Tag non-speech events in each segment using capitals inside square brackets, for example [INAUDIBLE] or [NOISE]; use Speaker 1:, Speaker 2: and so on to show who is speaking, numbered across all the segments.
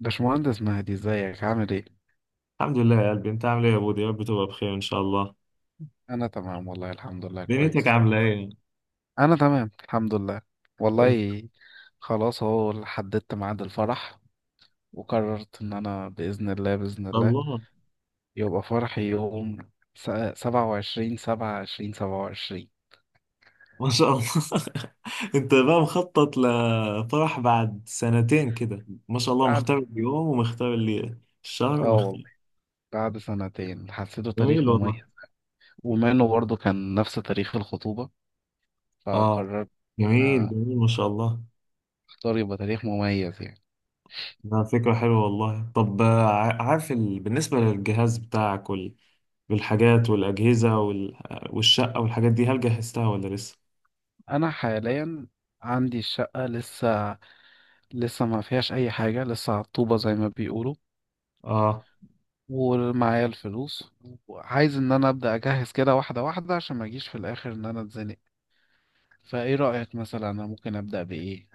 Speaker 1: باشمهندس مهدي، ازيك؟ عامل ايه؟
Speaker 2: الحمد لله يا قلبي، انت عامل ايه يا بودي؟ يا رب تبقى بخير ان شاء الله.
Speaker 1: انا تمام والله، الحمد لله
Speaker 2: دنيتك
Speaker 1: كويس.
Speaker 2: عامله ايه؟ ان
Speaker 1: انا تمام الحمد لله. والله. خلاص اهو، حددت ميعاد الفرح. وقررت ان انا باذن الله باذن
Speaker 2: شاء
Speaker 1: الله
Speaker 2: الله.
Speaker 1: يبقى فرحي يوم 27، سبعة عشرين، 27.
Speaker 2: ما شاء الله. [LAUGHS] انت بقى مخطط لفرح بعد سنتين كده، ما شاء الله
Speaker 1: بعد.
Speaker 2: مختار اليوم ومختار الليله الشهر
Speaker 1: اه والله،
Speaker 2: ومختار.
Speaker 1: بعد سنتين حسيته تاريخ
Speaker 2: جميل والله.
Speaker 1: مميز. وما انه برضه كان نفس تاريخ الخطوبة،
Speaker 2: اه.
Speaker 1: فقررت ان
Speaker 2: جميل
Speaker 1: انا
Speaker 2: جميل ما شاء الله.
Speaker 1: اختار يبقى تاريخ مميز يعني.
Speaker 2: ده فكره حلوه والله. طب عارف بالنسبه للجهاز بتاعك والحاجات والاجهزه والشقه والحاجات دي، هل جهزتها ولا لسه؟
Speaker 1: انا حاليا عندي الشقة لسه ما فيهاش اي حاجه، لسه على الطوبه زي ما بيقولوا.
Speaker 2: اه.
Speaker 1: ومعايا الفلوس، وعايز ان انا ابدا اجهز كده واحده واحده عشان ما اجيش في الاخر ان انا اتزنق. فايه رايك، مثلا انا ممكن ابدا بايه؟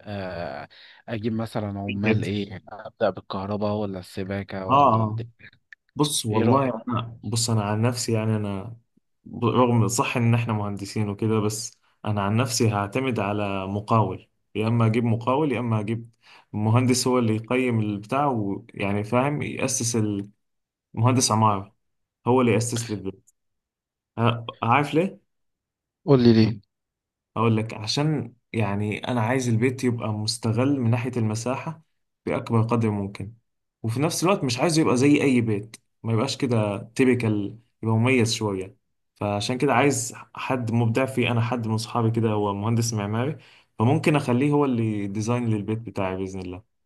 Speaker 1: آه، اجيب مثلا،
Speaker 2: ايه
Speaker 1: عمال
Speaker 2: كده.
Speaker 1: ايه ابدا بالكهرباء ولا السباكه ولا
Speaker 2: اه. بص
Speaker 1: ايه
Speaker 2: والله
Speaker 1: رايك؟
Speaker 2: انا، بص انا عن نفسي، يعني انا رغم صح ان احنا مهندسين وكده، بس انا عن نفسي هعتمد على مقاول. يا اما اجيب مقاول يا اما اجيب مهندس هو اللي يقيم البتاع، ويعني فاهم يأسس، المهندس عمارة هو اللي يأسس لي البيت. عارف ليه؟
Speaker 1: قول لي ليه.
Speaker 2: اقول لك، عشان يعني انا عايز البيت يبقى مستغل من ناحية المساحة بأكبر قدر ممكن، وفي نفس الوقت مش عايزه يبقى زي اي بيت. ما يبقاش كده تيبيكال، يبقى مميز شوية. فعشان كده عايز حد مبدع فيه، انا حد من صحابي كده هو مهندس معماري، فممكن اخليه هو اللي ديزاين للبيت بتاعي بإذن الله.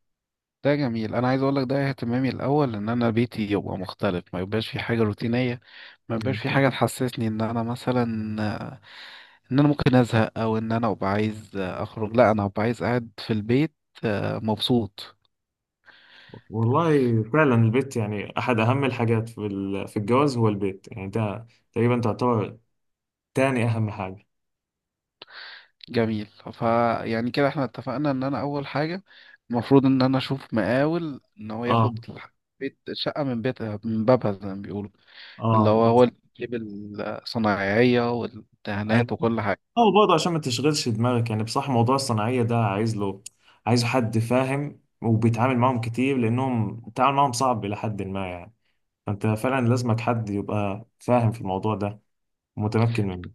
Speaker 1: ده جميل، انا عايز اقول لك ده اهتمامي الاول ان انا بيتي يبقى مختلف، ما يبقاش في حاجه روتينيه، ما يبقاش
Speaker 2: مم.
Speaker 1: في حاجه تحسسني ان انا مثلا ان انا ممكن ازهق، او ان انا ابقى عايز اخرج. لا، انا هبقى عايز قاعد في البيت، مبسوط.
Speaker 2: والله فعلا البيت يعني احد اهم الحاجات في الجواز، هو البيت يعني ده تقريبا تعتبر تاني اهم حاجة.
Speaker 1: جميل. فيعني كده احنا اتفقنا ان انا اول حاجة المفروض ان انا اشوف مقاول، ان هو
Speaker 2: اه،
Speaker 1: ياخد بيت شقة من بيت، من بابها زي ما بيقولوا، اللي
Speaker 2: اه،
Speaker 1: هو هو اللي يجيب الصنايعية والدهانات
Speaker 2: أيوة.
Speaker 1: وكل حاجة.
Speaker 2: اه، برضه عشان ما تشغلش دماغك، يعني بصح موضوع الصناعية ده، عايز له عايز حد فاهم وبيتعامل معاهم كتير، لأنهم التعامل معاهم صعب إلى حد ما يعني. فأنت فعلا لازمك حد يبقى فاهم في الموضوع ده ومتمكن منه.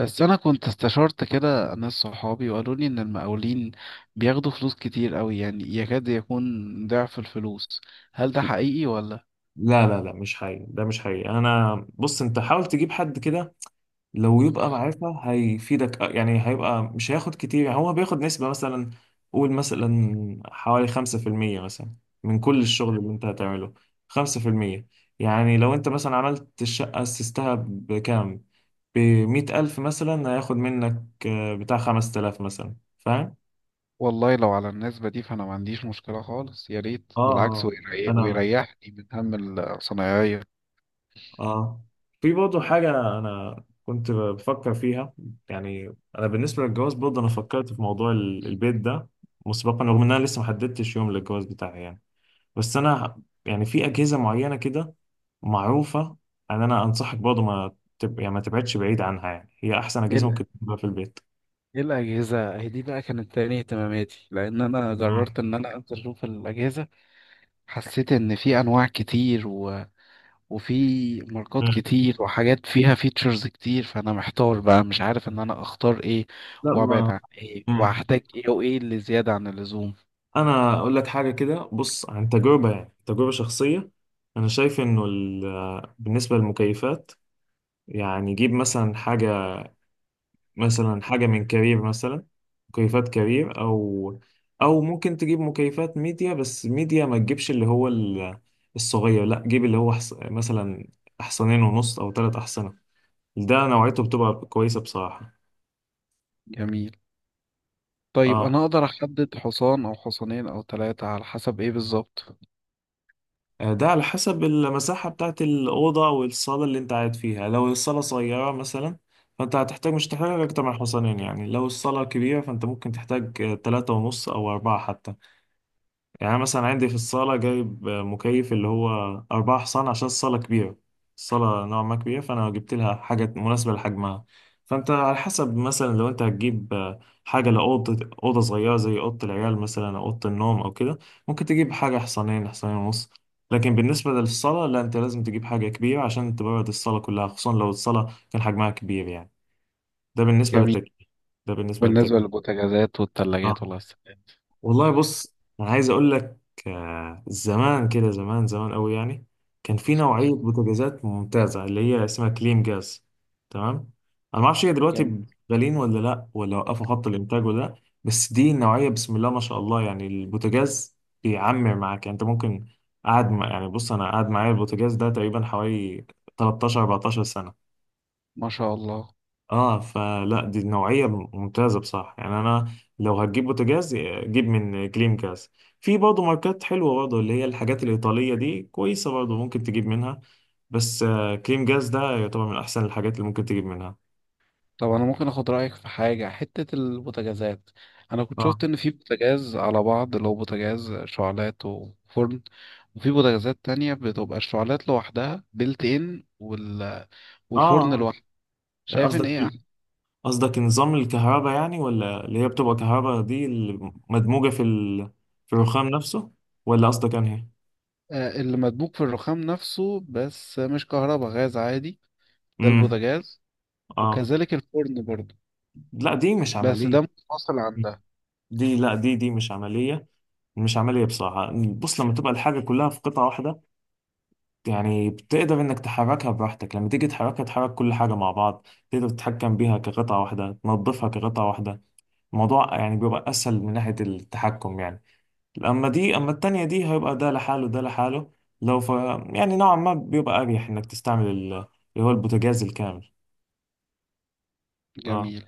Speaker 1: بس انا كنت استشرت كده ناس صحابي، وقالوا لي ان المقاولين بياخدوا فلوس كتير قوي، يعني يكاد يكون ضعف الفلوس. هل ده حقيقي ولا؟
Speaker 2: لا لا لا، مش حقيقي، ده مش حقيقي. أنا بص، أنت حاول تجيب حد كده لو يبقى معرفة هيفيدك، يعني هيبقى مش هياخد كتير، يعني هو بياخد نسبة مثلا. قول مثلا حوالي 5% مثلا من كل الشغل اللي انت هتعمله. 5%. يعني لو انت مثلا عملت الشقة أسستها بكام؟ بـ100,000 مثلا، هياخد منك بتاع 5,000 مثلا. فاهم؟
Speaker 1: والله، لو على النسبة دي فأنا ما عنديش مشكلة خالص، يا ريت
Speaker 2: اه،
Speaker 1: بالعكس،
Speaker 2: اه. أنا
Speaker 1: ويريحني من هم الصنايعية.
Speaker 2: اه في برضه حاجة أنا كنت بفكر فيها. يعني أنا بالنسبة للجواز برضه، أنا فكرت في موضوع البيت ده مسبقا، رغم إن أنا لسه محددتش يوم للجواز بتاعي يعني. بس أنا يعني في أجهزة معينة كده معروفة، أن أنا أنصحك برضه ما تب... يعني ما تبعدش بعيد عنها، يعني هي أحسن
Speaker 1: ايه
Speaker 2: أجهزة
Speaker 1: ال-
Speaker 2: ممكن تبقى في البيت.
Speaker 1: إيه الاجهزه هي دي بقى، كانت تاني اهتماماتي، لان انا
Speaker 2: اه،
Speaker 1: جربت ان انا انزل اشوف الاجهزه. حسيت ان في انواع كتير وفي ماركات كتير وحاجات فيها فيتشرز كتير، فانا محتار بقى، مش عارف ان انا اختار ايه
Speaker 2: لا،
Speaker 1: وابعد
Speaker 2: ما.
Speaker 1: عن ايه
Speaker 2: مم.
Speaker 1: وهحتاج ايه وايه اللي زياده عن اللزوم.
Speaker 2: أنا أقول لك حاجة كده، بص عن تجربة يعني، تجربة شخصية. أنا شايف إنه بالنسبة للمكيفات، يعني جيب مثلا حاجة، مثلا حاجة من كارير مثلا. مكيفات كارير، أو ممكن تجيب مكيفات ميديا، بس ميديا ما تجيبش اللي هو الصغير، لا جيب اللي هو مثلا أحصنين ونص أو تلات أحصنة. ده نوعيته بتبقى كويسة بصراحة.
Speaker 1: جميل. طيب
Speaker 2: اه.
Speaker 1: انا اقدر احدد حصان او حصانين او ثلاثه على حسب ايه بالظبط؟
Speaker 2: ده على حسب المساحة بتاعت الأوضة والصالة اللي أنت قاعد فيها. لو الصالة صغيرة مثلا، فأنت هتحتاج، مش هتحتاج أكتر من حصانين يعني. لو الصالة كبيرة، فأنت ممكن تحتاج تلاتة ونص أو أربعة حتى. يعني أنا مثلا عندي في الصالة جايب مكيف اللي هو أربعة حصان، عشان الصالة كبيرة. الصالة نوعا ما كبيرة، فأنا جبت لها حاجة مناسبة لحجمها. فأنت على حسب مثلا، لو أنت هتجيب حاجة لأوضة صغيرة زي أوضة العيال مثلا، أو أوضة النوم أو كده، ممكن تجيب حاجة حصانين، حصانين ونص. لكن بالنسبة للصالة لا، أنت لازم تجيب حاجة كبيرة عشان تبرد الصالة كلها، خصوصا لو الصالة كان حجمها كبير يعني. ده بالنسبة
Speaker 1: جميل.
Speaker 2: للتكييف. ده بالنسبة
Speaker 1: بالنسبة
Speaker 2: للتكييف.
Speaker 1: للبوتاجازات والثلاجات
Speaker 2: آه.
Speaker 1: والغسالات.
Speaker 2: والله بص، انا عايز اقول لك، زمان كده، زمان زمان قوي يعني، كان في نوعيه بوتاجازات ممتازه اللي هي اسمها كليم جاز. تمام. انا ما اعرفش هي
Speaker 1: جميل،
Speaker 2: دلوقتي غاليين ولا لا، ولا وقفوا خط الانتاج ولا لا، بس دي النوعيه بسم الله ما شاء الله. يعني البوتاجاز بيعمر معاك، يعني انت ممكن يعني بص انا قاعد معايا البوتاجاز ده تقريبا حوالي 13 14 سنه.
Speaker 1: ما شاء الله.
Speaker 2: اه، فلا دي نوعية ممتازة بصراحة، يعني انا لو هتجيب بوتاجاز، جيب من كليم كاس. في برضه ماركات حلوة، برضه اللي هي الحاجات الإيطالية دي كويسة برضه، ممكن تجيب منها. بس كليم جاز ده يعتبر من احسن الحاجات اللي ممكن تجيب منها.
Speaker 1: طب أنا ممكن أخد رأيك في حاجة حتة البوتاجازات؟ أنا كنت
Speaker 2: اه،
Speaker 1: شفت إن في بوتاجاز على بعض، اللي هو بوتاجاز شعلات وفرن، وفي بوتاجازات تانية بتبقى الشعلات لوحدها بيلت إن
Speaker 2: اه،
Speaker 1: والفرن
Speaker 2: آه.
Speaker 1: لوحده. شايف إن
Speaker 2: قصدك
Speaker 1: إيه
Speaker 2: قصدك نظام الكهرباء، يعني ولا اللي هي بتبقى كهرباء دي اللي مدموجة في الرخام نفسه؟ ولا قصدك انهي؟
Speaker 1: اللي مدبوك في الرخام نفسه، بس مش كهرباء، غاز عادي. ده
Speaker 2: امم.
Speaker 1: البوتاجاز،
Speaker 2: اه.
Speaker 1: وكذلك الفرن برضه،
Speaker 2: لا، دي مش
Speaker 1: بس ده
Speaker 2: عملية.
Speaker 1: منفصل عن ده.
Speaker 2: دي، لا دي مش عملية. مش عملية بصراحة، بص لما تبقى الحاجة كلها في قطعة واحدة، يعني بتقدر انك تحركها براحتك، لما تيجي تحركها تحرك كل حاجة مع بعض، تقدر تتحكم بيها كقطعة واحدة، تنظفها كقطعة واحدة. الموضوع يعني بيبقى اسهل من ناحية التحكم يعني. اما دي، اما التانية دي هيبقى ده لحاله، ده لحاله. لو ف يعني نوعا ما بيبقى اريح انك تستعمل اللي هو البوتاجاز الكامل. اه.
Speaker 1: جميل.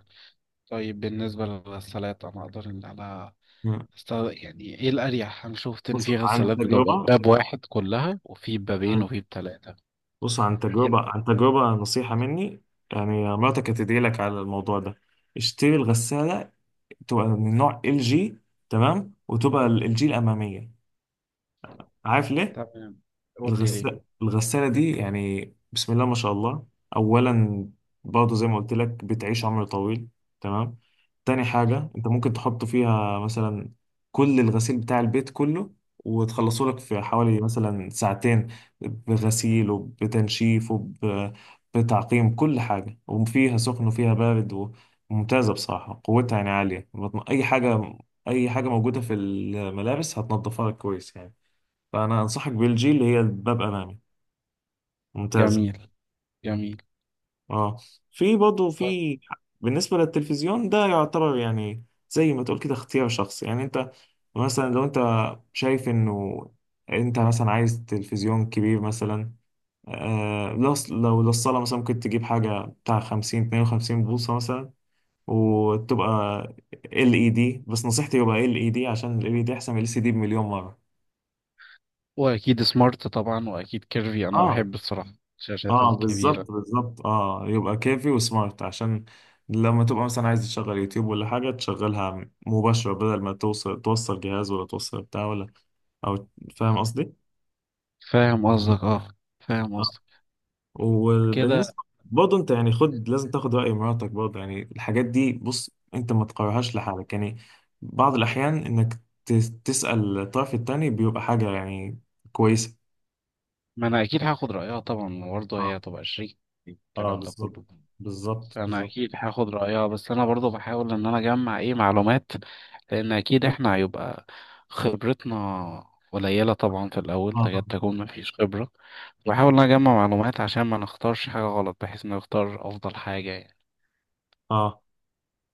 Speaker 1: طيب بالنسبة للغسالات أنا أقدر إن أنا
Speaker 2: مم.
Speaker 1: أست- يعني إيه الأريح؟ أنا شفت إن
Speaker 2: بص
Speaker 1: في
Speaker 2: عن
Speaker 1: غسالات بتبقى
Speaker 2: تجربة.
Speaker 1: باب واحد كلها، وفي بابين،
Speaker 2: آه.
Speaker 1: وفي بتلاتة.
Speaker 2: بص عن
Speaker 1: إيه،
Speaker 2: تجربة،
Speaker 1: لا.
Speaker 2: عن تجربة، نصيحة مني. يعني مراتك هتدعي لك على الموضوع ده. اشتري الغسالة، تبقى من نوع LG. تمام، وتبقى LG الأمامية. عارف ليه؟
Speaker 1: تمام، قول لي ليه.
Speaker 2: الغسالة دي، يعني بسم الله ما شاء الله. أولا، برضه زي ما قلت لك بتعيش عمر طويل. تمام. تاني حاجة، أنت ممكن تحط فيها مثلا كل الغسيل بتاع البيت كله، وتخلصه لك في حوالي مثلا ساعتين، بغسيل وبتنشيف وبتعقيم كل حاجة، وفيها سخن وفيها بارد، وممتازة بصراحة. قوتها يعني عالية، أي حاجة، أي حاجة موجودة في الملابس هتنضفها لك كويس يعني. فانا انصحك بالجي، اللي هي باب امامي، ممتازه.
Speaker 1: جميل، جميل.
Speaker 2: اه. في برضه
Speaker 1: طيب.
Speaker 2: بالنسبه للتلفزيون ده يعتبر يعني زي ما تقول كده اختيار شخصي، يعني انت مثلا لو انت شايف انه انت مثلا عايز تلفزيون كبير مثلا. لو للصاله مثلا ممكن تجيب حاجه بتاع 50 52 بوصه مثلا، وتبقى LED، بس نصيحتي يبقى LED عشان LED احسن من LCD بمليون مره.
Speaker 1: وأكيد سمارت طبعا، وأكيد كيرفي، أنا
Speaker 2: اه،
Speaker 1: بحب الصراحة الشاشات
Speaker 2: اه،
Speaker 1: الكبيرة.
Speaker 2: بالظبط، بالظبط. اه، يبقى كافي وسمارت، عشان لما تبقى مثلا عايز تشغل يوتيوب ولا حاجة تشغلها مباشرة، بدل ما توصل جهاز ولا توصل بتاع، ولا. او، فاهم قصدي؟
Speaker 1: فاهم قصدك. أه، فاهم
Speaker 2: اه.
Speaker 1: قصدك. كده
Speaker 2: وبالنسبة برضه انت يعني، لازم تاخد رأي مراتك برضه. يعني الحاجات دي بص، انت ما تقررهاش لحالك يعني، بعض الأحيان انك تسأل الطرف التاني بيبقى حاجة يعني كويسة.
Speaker 1: ما أنا أكيد هاخد رأيها طبعا، برضه
Speaker 2: اه،
Speaker 1: هي هتبقى شريك في
Speaker 2: اه،
Speaker 1: الكلام ده
Speaker 2: بالظبط،
Speaker 1: كله.
Speaker 2: بالظبط،
Speaker 1: انا
Speaker 2: بالظبط.
Speaker 1: اكيد هاخد رايها، بس انا برضو بحاول ان انا اجمع ايه معلومات، لان اكيد احنا هيبقى خبرتنا قليله طبعا في الاول، تكاد
Speaker 2: اه،
Speaker 1: تكون مفيش خبره. بحاول ان انا اجمع معلومات عشان ما نختارش حاجه غلط، بحيث ان نختار افضل حاجه يعني.
Speaker 2: اه.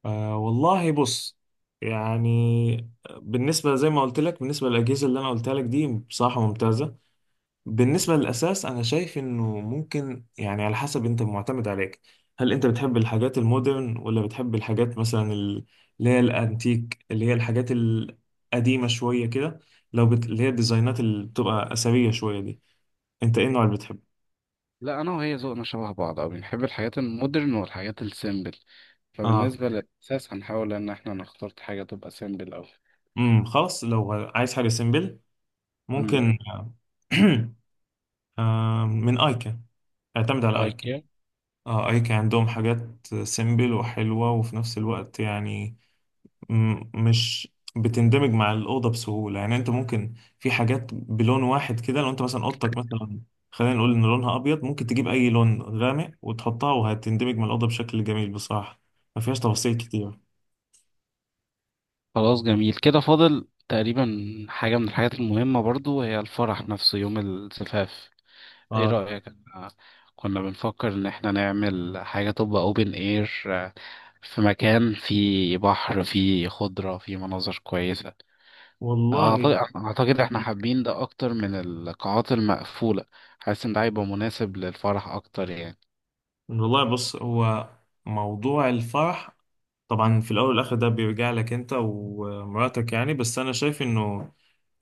Speaker 2: والله بص، يعني بالنسبة، زي ما قلت لك، بالنسبة للأجهزة اللي أنا قلتها لك دي بصراحة ممتازة. بالنسبة للأساس، أنا شايف إنه ممكن يعني، على حسب، أنت معتمد عليك. هل أنت بتحب الحاجات المودرن ولا بتحب الحاجات مثلا اللي هي الأنتيك، اللي هي الحاجات القديمة شوية كده. اللي هي الديزاينات اللي بتبقى أثرية شوية دي، أنت إيه النوع اللي بتحبه؟
Speaker 1: لا، انا وهي ذوقنا شبه بعض، او بنحب الحاجات المودرن والحاجات السيمبل.
Speaker 2: آه.
Speaker 1: فبالنسبه للاساس هنحاول ان احنا نختار حاجه تبقى سيمبل او.
Speaker 2: خلاص، لو عايز حاجة سيمبل، ممكن [CLEARS THROAT] من أيكا. اعتمد على ايكن.
Speaker 1: امم.
Speaker 2: اه، ايكن عندهم حاجات سيمبل وحلوة، وفي نفس الوقت يعني، مش بتندمج مع الأوضة بسهولة. يعني انت ممكن في حاجات بلون واحد كده، لو انت مثلا أوضتك مثلا خلينا نقول ان لونها ابيض، ممكن تجيب اي لون غامق وتحطها، وهتندمج مع الأوضة بشكل جميل بصراحة. ما فيهاش تفاصيل كتير.
Speaker 1: خلاص جميل كده، فاضل تقريبا حاجة من الحاجات المهمة برضو، هي الفرح نفسه يوم الزفاف. ايه
Speaker 2: اه.
Speaker 1: رأيك؟ أنا كنا بنفكر ان احنا نعمل حاجة تبقى اوبن اير، في مكان فيه بحر، فيه خضرة، فيه مناظر كويسة.
Speaker 2: والله
Speaker 1: اعتقد احنا حابين ده اكتر من القاعات المقفولة، حاسس ان ده هيبقى مناسب للفرح اكتر يعني.
Speaker 2: والله بص هو، موضوع الفرح طبعا في الاول والاخر ده بيرجع لك انت ومراتك يعني، بس انا شايف انه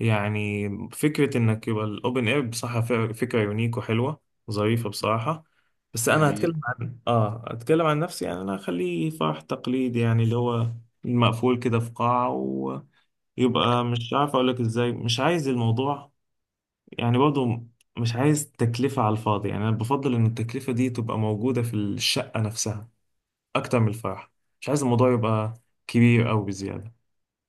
Speaker 2: يعني فكره انك يبقى الاوبن اير بصراحه، فكره يونيك وحلوه، ظريفه بصراحه. بس انا
Speaker 1: جميل.
Speaker 2: هتكلم عن، هتكلم عن نفسي، يعني انا اخليه فرح تقليدي، يعني اللي هو المقفول كده في قاعه. ويبقى مش عارف اقول لك ازاي، مش عايز الموضوع يعني برضه، مش عايز تكلفة على الفاضي. يعني أنا بفضل إن التكلفة دي تبقى موجودة في الشقة نفسها، أكتر من الفرح. مش عايز الموضوع يبقى كبير أوي بزيادة.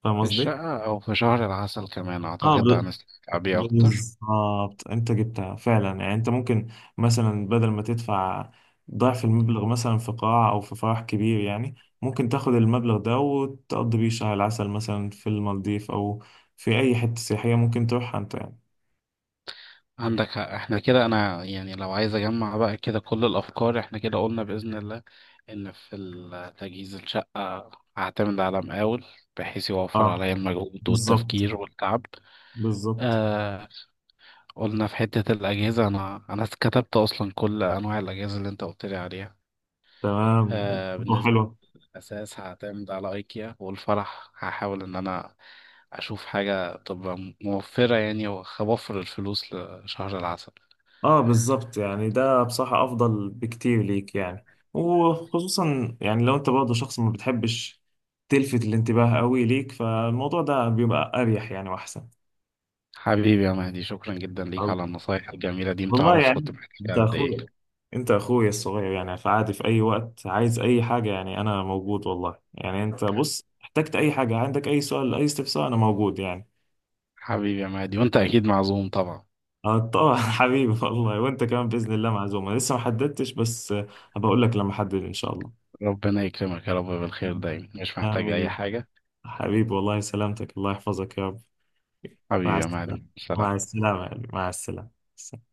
Speaker 2: فاهم
Speaker 1: في
Speaker 2: قصدي؟
Speaker 1: الشقة او في شهر العسل كمان
Speaker 2: اه،
Speaker 1: اعتقد ده هنستمتع بيه اكتر.
Speaker 2: بالظبط أنت جبتها فعلا، يعني أنت ممكن مثلا بدل ما تدفع ضعف المبلغ مثلا في قاعة أو في فرح كبير يعني، ممكن تاخد المبلغ ده وتقضي بيه شهر العسل مثلا في المالديف، أو في أي حتة سياحية ممكن تروحها أنت يعني.
Speaker 1: عندك حق، احنا كده، انا يعني لو عايز اجمع بقى كده كل الافكار، احنا كده قلنا باذن الله ان في تجهيز الشقه هعتمد على مقاول، بحيث يوفر
Speaker 2: اه،
Speaker 1: عليا المجهود
Speaker 2: بالظبط،
Speaker 1: والتفكير والتعب.
Speaker 2: بالظبط.
Speaker 1: آه قلنا في حته الاجهزه، انا كتبت اصلا كل انواع الاجهزه اللي انت قلت لي عليها.
Speaker 2: تمام. برضه
Speaker 1: بالنسبه
Speaker 2: حلوة.
Speaker 1: للاساس هعتمد على ايكيا، والفرح هحاول ان انا اشوف حاجه تبقى موفره يعني، واوفر الفلوس لشهر العسل.
Speaker 2: اه، بالظبط، يعني ده بصراحة أفضل بكتير ليك يعني، وخصوصا يعني لو أنت برضه شخص ما بتحبش تلفت الانتباه قوي ليك، فالموضوع ده بيبقى أريح يعني، وأحسن.
Speaker 1: حبيبي يا مهدي، شكرا جدا ليك
Speaker 2: الله.
Speaker 1: على النصايح الجميلة دي،
Speaker 2: والله
Speaker 1: متعرفش كنت
Speaker 2: يعني أنت
Speaker 1: محتاجها قد ايه.
Speaker 2: أخويا، أنت أخويا الصغير يعني، فعادي في أي وقت عايز أي حاجة يعني أنا موجود والله. يعني أنت بص، احتجت أي حاجة، عندك أي سؤال، أي استفسار، أنا موجود يعني.
Speaker 1: حبيبي يا مهدي، وانت اكيد معزوم طبعا.
Speaker 2: اه طبعا. [LAUGHS] حبيبي والله، وانت كمان باذن الله معزومه، لسه ما حددتش، بس هبقى اقول لك لما احدد ان شاء الله.
Speaker 1: ربنا يكرمك يا رب بالخير دايما، مش محتاج اي
Speaker 2: امين.
Speaker 1: حاجة.
Speaker 2: حبيبي والله، سلامتك، الله يحفظك يا رب. مع
Speaker 1: حبيبي يا
Speaker 2: السلامه.
Speaker 1: مهدي،
Speaker 2: مع
Speaker 1: سلام.
Speaker 2: السلامه يا قلبي، مع السلامه.